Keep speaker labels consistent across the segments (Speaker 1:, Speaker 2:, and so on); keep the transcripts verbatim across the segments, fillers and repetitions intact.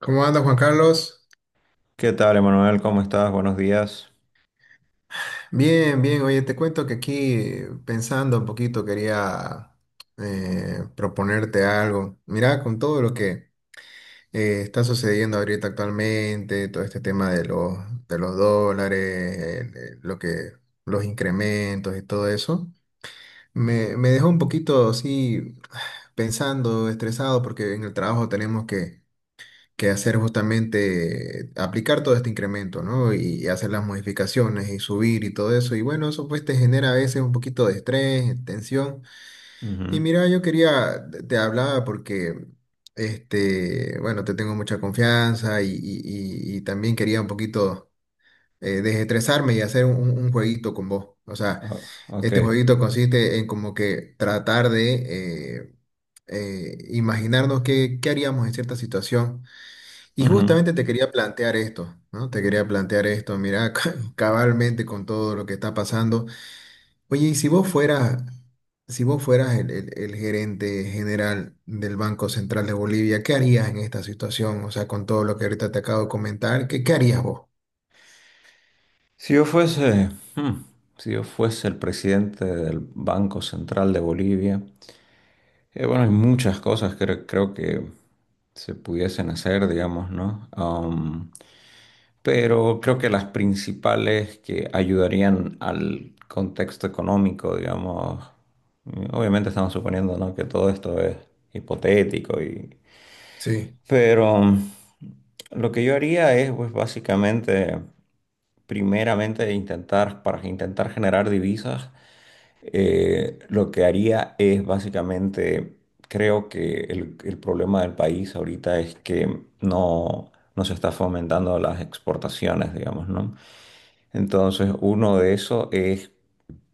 Speaker 1: ¿Cómo anda Juan Carlos?
Speaker 2: ¿Qué tal, Emanuel? ¿Cómo estás? Buenos días.
Speaker 1: Bien, bien. Oye, te cuento que aquí eh, pensando un poquito quería eh, proponerte algo. Mira, con todo lo que eh, está sucediendo ahorita actualmente, todo este tema de los, de los dólares, el- el- lo que, los incrementos y todo eso, me, me dejó un poquito así pensando, estresado, porque en el trabajo tenemos que que hacer justamente aplicar todo este incremento, ¿no? Y hacer las modificaciones y subir y todo eso. Y bueno, eso pues te genera a veces un poquito de estrés, tensión. Y
Speaker 2: Ujú.
Speaker 1: mira, yo quería, te te hablaba porque, este, bueno, te tengo mucha confianza y, y- y- y también quería un poquito eh, desestresarme y hacer un, un jueguito con vos. O sea,
Speaker 2: Oh, ok.
Speaker 1: este jueguito consiste en como que tratar de... eh, eh, imaginarnos qué, qué haríamos en cierta situación y
Speaker 2: Ujú.
Speaker 1: justamente te quería plantear esto, ¿no? Te quería plantear esto, mira, cabalmente con todo lo que está pasando. Oye, y si vos fueras, si vos fueras el, el- el gerente general del Banco Central de Bolivia, ¿qué harías en esta situación? O sea, con todo lo que ahorita te acabo de comentar, ¿qué, qué harías vos?
Speaker 2: Si yo fuese, hmm, si yo fuese el presidente del Banco Central de Bolivia, eh, bueno, hay muchas cosas que cre- creo que se pudiesen hacer, digamos, ¿no? Um, pero creo que las principales que ayudarían al contexto económico, digamos, obviamente estamos suponiendo, ¿no?, que todo esto es hipotético y
Speaker 1: Sí,
Speaker 2: pero lo que yo haría es, pues básicamente, primeramente intentar, para intentar generar divisas, eh, lo que haría es básicamente, creo que el, el problema del país ahorita es que no, no se está fomentando las exportaciones, digamos, ¿no? Entonces, uno de eso es,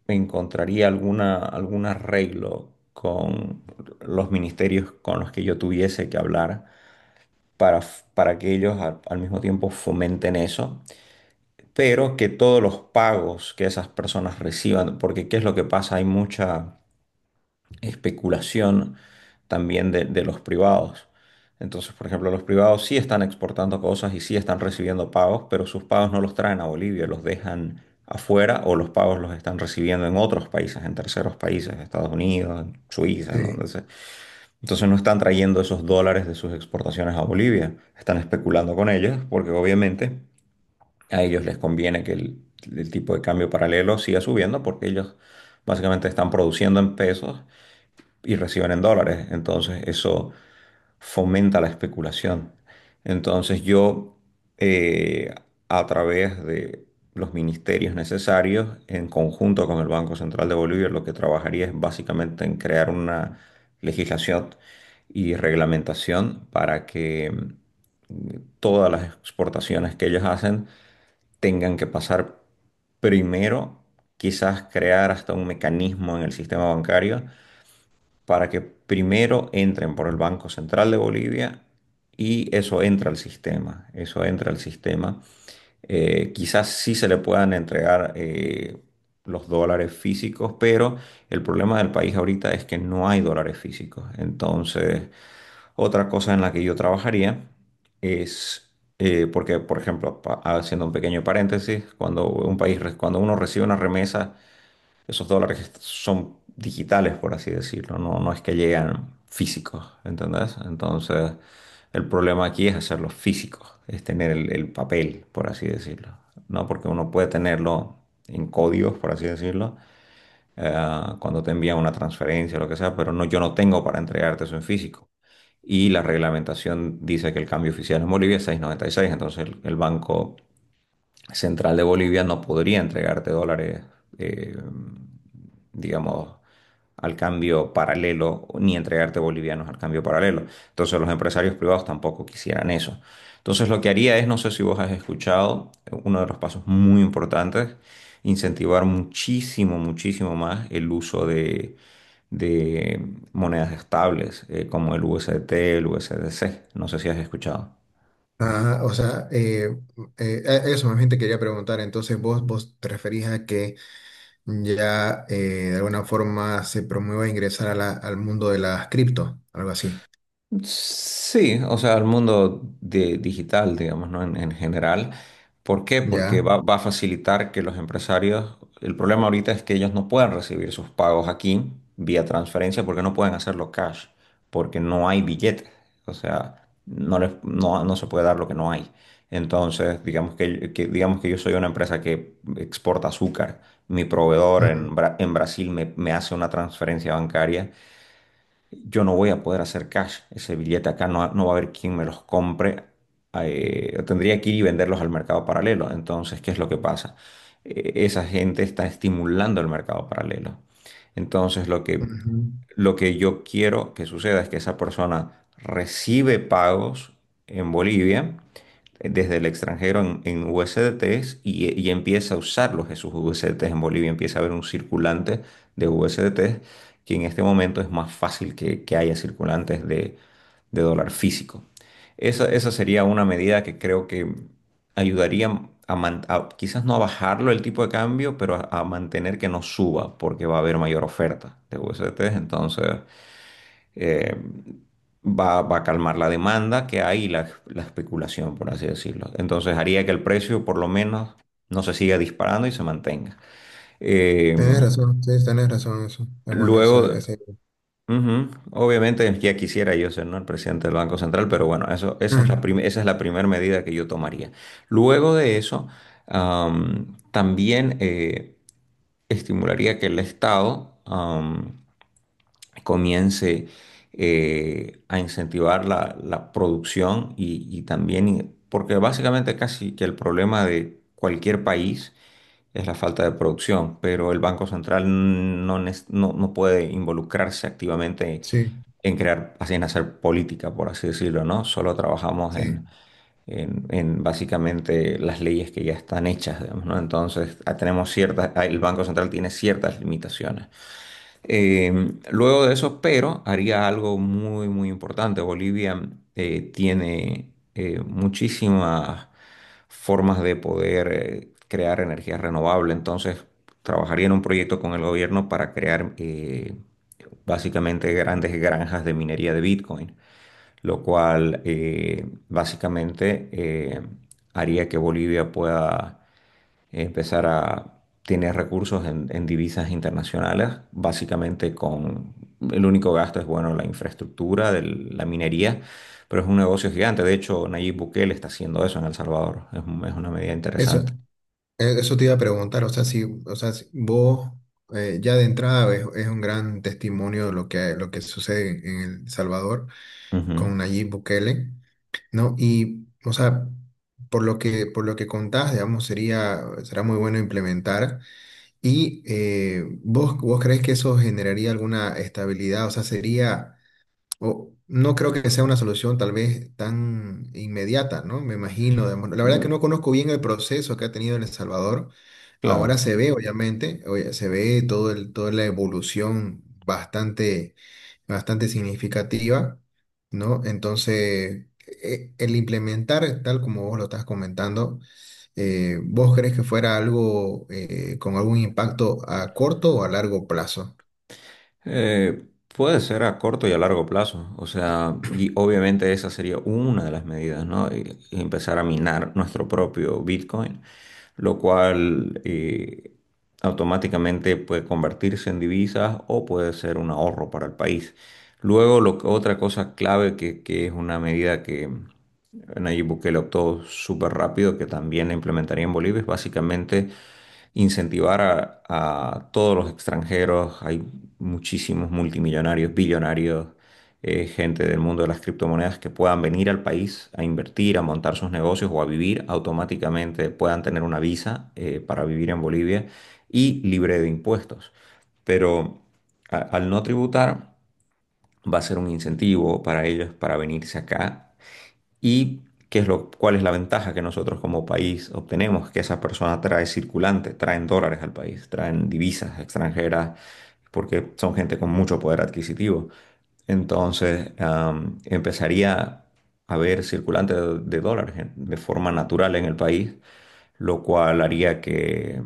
Speaker 2: encontraría alguna, algún arreglo con los ministerios con los que yo tuviese que hablar para, f- para que ellos al, al mismo tiempo fomenten eso, pero que todos los pagos que esas personas reciban, porque ¿qué es lo que pasa? Hay mucha especulación también de, de los privados. Entonces, por ejemplo, los privados sí están exportando cosas y sí están recibiendo pagos, pero sus pagos no los traen a Bolivia, los dejan afuera, o los pagos los están recibiendo en otros países, en terceros países, Estados Unidos, en Suiza, en
Speaker 1: sí.
Speaker 2: donde sea. Entonces no están trayendo esos dólares de sus exportaciones a Bolivia, están especulando con ellos porque obviamente a ellos les conviene que el, el tipo de cambio paralelo siga subiendo porque ellos básicamente están produciendo en pesos y reciben en dólares. Entonces eso fomenta la especulación. Entonces yo, eh, a través de los ministerios necesarios, en conjunto con el Banco Central de Bolivia, lo que trabajaría es básicamente en crear una legislación y reglamentación para que mm, todas las exportaciones que ellos hacen tengan que pasar primero, quizás crear hasta un mecanismo en el sistema bancario para que primero entren por el Banco Central de Bolivia y eso entra al sistema, eso entra al sistema. Eh, quizás sí se le puedan entregar eh, los dólares físicos, pero el problema del país ahorita es que no hay dólares físicos. Entonces, otra cosa en la que yo trabajaría es, eh, porque, por ejemplo, pa- haciendo un pequeño paréntesis, cuando un país, re- cuando uno recibe una remesa, esos dólares son digitales, por así decirlo, no, no es que llegan físicos, ¿entendés? Entonces, el problema aquí es hacerlos físicos, es tener el, el papel, por así decirlo, ¿no? Porque uno puede tenerlo en códigos, por así decirlo, eh, cuando te envían una transferencia o lo que sea, pero no, yo no tengo para entregarte eso en físico. Y la reglamentación dice que el cambio oficial en Bolivia es seis coma noventa y seis, entonces el, el banco Central de Bolivia no podría entregarte dólares, eh, digamos, al cambio paralelo, ni entregarte bolivianos al cambio paralelo. Entonces los empresarios privados tampoco quisieran eso. Entonces lo que haría es, no sé si vos has escuchado, uno de los pasos muy importantes, incentivar muchísimo, muchísimo más el uso de, de monedas estables, eh, como el U S D T, el U S D C. No sé si has escuchado.
Speaker 1: Ajá, o sea, eh, eh, a- eso más bien te quería preguntar. Entonces, vos, vos te referís a que ya eh, de alguna forma se promueva ingresar a la- al mundo de las cripto, algo así.
Speaker 2: Sí, o sea, al mundo de- digital, digamos, ¿no? En, en general. ¿Por qué? Porque
Speaker 1: Ya.
Speaker 2: va, va a facilitar que los empresarios, el problema ahorita es que ellos no pueden recibir sus pagos aquí vía transferencia porque no pueden hacerlo cash, porque no hay billetes. O sea, no les, no, no se puede dar lo que no hay. Entonces, digamos que, que- digamos que yo soy una empresa que exporta azúcar. Mi proveedor en,
Speaker 1: Ujú,
Speaker 2: Bra- en Brasil me, me hace una transferencia bancaria, yo no voy a poder hacer cash. Ese billete acá no, no va a haber quien me los compre. Eh, tendría que ir y venderlos al mercado paralelo. Entonces, ¿qué es lo que pasa? Eh, esa gente está estimulando el mercado paralelo. Entonces, lo que,
Speaker 1: ujú.
Speaker 2: lo que yo quiero que suceda es que esa persona recibe pagos en Bolivia eh, desde el extranjero en, en U S D Ts y, y empieza a usarlos esos U S D Ts en Bolivia, empieza a haber un circulante de U S D Ts que en este momento es más fácil que, que haya circulantes de, de dólar físico. Esa, esa sería una medida que creo que ayudaría a, man- a- quizás no a bajarlo el tipo de cambio, pero a, a mantener que no suba, porque va a haber mayor oferta de U S D T. Entonces, eh, va, va a calmar la demanda que hay y la, la especulación, por así decirlo. Entonces, haría que el precio, por lo menos, no se siga disparando y se mantenga. Eh,
Speaker 1: Tienes razón, sí, tienes razón, eso. Es bueno, esa,
Speaker 2: luego,
Speaker 1: esa idea.
Speaker 2: ujú. Obviamente ya quisiera yo ser, ¿no?, el presidente del Banco Central, pero bueno, eso, esa es la
Speaker 1: Ah,
Speaker 2: prim- esa es la primera medida que yo tomaría. Luego de eso, am, también eh, estimularía que el Estado am, comience eh, a incentivar la, la producción y, y también, porque básicamente casi que el problema de cualquier país es la falta de producción, pero el Banco Central no, nes- no, no puede involucrarse activamente
Speaker 1: sí,
Speaker 2: en crear, así en hacer política, por así decirlo, ¿no? Solo trabajamos
Speaker 1: sí.
Speaker 2: en, en, en básicamente las leyes que ya están hechas, digamos, ¿no? Entonces, ah, tenemos ciertas, ah, el Banco Central tiene ciertas limitaciones. Eh, luego de eso, pero haría algo muy, muy importante. Bolivia eh, tiene eh, muchísimas formas de poder eh, crear energía renovable. Entonces, trabajaría en un proyecto con el gobierno para crear eh, básicamente grandes granjas de minería de Bitcoin, lo cual eh, básicamente eh, haría que Bolivia pueda empezar a tener recursos en, en divisas internacionales, básicamente con el único gasto es, bueno, la infraestructura de la minería, pero es un negocio gigante. De hecho, Nayib Bukele está haciendo eso en El Salvador. Es, un- es una medida
Speaker 1: Eso,
Speaker 2: interesante.
Speaker 1: eh, eso te iba a preguntar, o sea, si, o sea, si vos eh, ya de entrada es, es un gran testimonio de lo que, lo que sucede en El Salvador
Speaker 2: Ujú.
Speaker 1: con Nayib Bukele, ¿no? Y, o sea, por lo que, por lo que contás, digamos, sería, será muy bueno implementar. Y eh, vos, vos crees que eso generaría alguna estabilidad, o sea, sería. O, no creo que sea una solución tal vez tan inmediata, ¿no? Me imagino, digamos. La verdad que
Speaker 2: Mm.
Speaker 1: no conozco bien el proceso que ha tenido en El Salvador. Ahora
Speaker 2: Claro.
Speaker 1: se ve, obviamente, oye, se ve todo el, toda la evolución bastante, bastante significativa, ¿no? Entonces, e- el implementar, tal como vos lo estás comentando, eh, ¿vos crees que fuera algo eh, con algún impacto a corto o a largo plazo?
Speaker 2: Eh, puede ser a corto y a largo plazo, o sea, y obviamente esa sería una de las medidas, ¿no? Y y empezar a minar nuestro propio Bitcoin, lo cual eh, automáticamente puede convertirse en divisas o puede ser un ahorro para el país. Luego, lo que- otra cosa clave que, que es una medida que Nayib Bukele optó súper rápido, que también la implementaría en Bolivia, es básicamente incentivar a, a todos los extranjeros. Hay muchísimos multimillonarios, billonarios, eh, gente del mundo de las criptomonedas que puedan venir al país a invertir, a montar sus negocios o a vivir automáticamente, puedan tener una visa eh, para vivir en Bolivia y libre de impuestos. Pero a- al no tributar, va a ser un incentivo para ellos para venirse acá. ¿Y qué es lo, cuál es la ventaja que nosotros como país obtenemos? Que esa persona trae circulante, traen dólares al país, traen divisas extranjeras, porque son gente con mucho poder adquisitivo. Entonces, am, empezaría a haber circulante de, de dólares en- de forma natural en el país, lo cual haría que,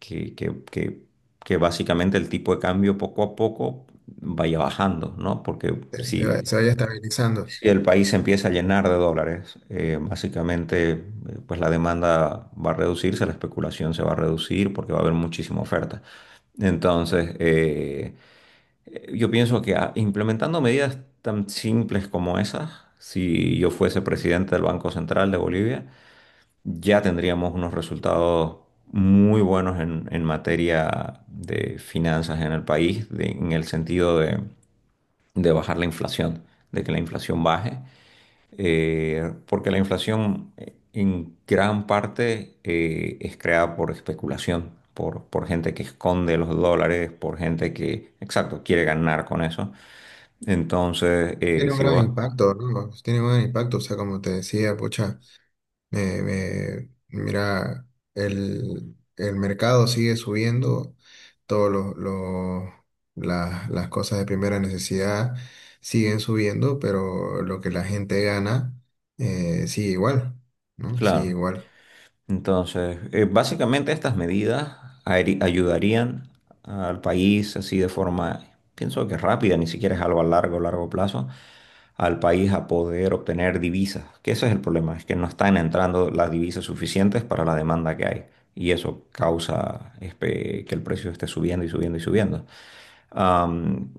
Speaker 2: que, que- que- que básicamente el tipo de cambio poco a poco vaya bajando, ¿no? Porque
Speaker 1: se se va-
Speaker 2: si,
Speaker 1: se vaya estabilizando.
Speaker 2: si el país se empieza a llenar de dólares, eh, básicamente eh, pues la demanda va a reducirse, la especulación se va a reducir porque va a haber muchísima oferta. Entonces, eh, eh, yo pienso que ah, implementando medidas tan simples como esas, si yo fuese presidente del Banco Central de Bolivia, ya tendríamos unos resultados muy buenos en, en materia de finanzas en el país, de- en el sentido de de bajar la inflación, de que la inflación baje eh, porque la inflación eh, en gran parte eh, es creada por especulación, por, por gente que esconde los dólares, por gente que, exacto, quiere ganar con eso. Entonces, eh,
Speaker 1: Tiene un
Speaker 2: si
Speaker 1: gran
Speaker 2: vos,
Speaker 1: impacto, ¿no? Tiene un gran impacto, o sea, como te decía, pucha, me- me- mira, el, el mercado sigue subiendo, todos los, los- las, las cosas de primera necesidad siguen subiendo, pero lo que la gente gana eh, sigue igual, ¿no? Sigue
Speaker 2: claro,
Speaker 1: igual.
Speaker 2: entonces, eh, básicamente estas medidas aeri- ayudarían al país así de forma, pienso que rápida, ni siquiera es algo a largo, largo plazo, al país a poder obtener divisas, que ese es el problema, es que no están entrando las divisas suficientes para la demanda que hay y eso causa este, que el precio esté subiendo y subiendo y subiendo. Am,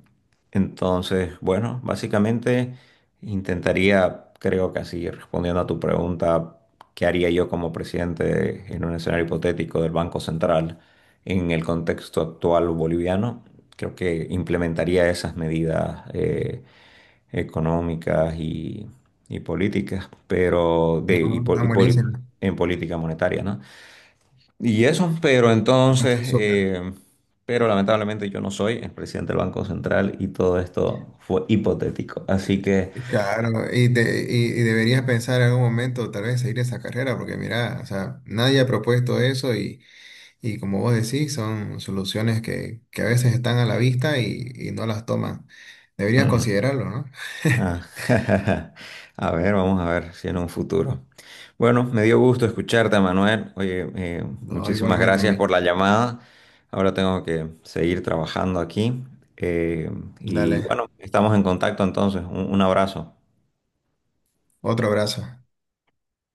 Speaker 2: entonces, bueno, básicamente intentaría, creo que así, respondiendo a tu pregunta, ¿qué haría yo como presidente en un escenario hipotético del Banco Central en el contexto actual boliviano? Creo que implementaría esas medidas eh, económicas y, y políticas, pero de, y
Speaker 1: No,
Speaker 2: po-
Speaker 1: está
Speaker 2: y poli-
Speaker 1: buenísimo,
Speaker 2: en política monetaria, ¿no? Y eso, pero
Speaker 1: me
Speaker 2: entonces,
Speaker 1: parece súper.
Speaker 2: eh, pero lamentablemente yo no soy el presidente del Banco Central y todo esto fue hipotético. Así que,
Speaker 1: Claro, y, te- y, y deberías pensar en algún momento tal vez seguir esa carrera, porque mira, o sea, nadie ha propuesto eso. Y como vos decís, son soluciones que, que a veces están a la vista y, y no las toman. Deberías
Speaker 2: mm,
Speaker 1: considerarlo, ¿no?
Speaker 2: ah, a ver, vamos a ver si en un futuro. Bueno, me dio gusto escucharte, Manuel. Oye, eh,
Speaker 1: No,
Speaker 2: muchísimas
Speaker 1: igualmente a
Speaker 2: gracias
Speaker 1: mí.
Speaker 2: por la llamada. Ahora tengo que seguir trabajando aquí. Eh, y
Speaker 1: Dale,
Speaker 2: bueno, estamos en contacto entonces. un un abrazo.
Speaker 1: otro abrazo.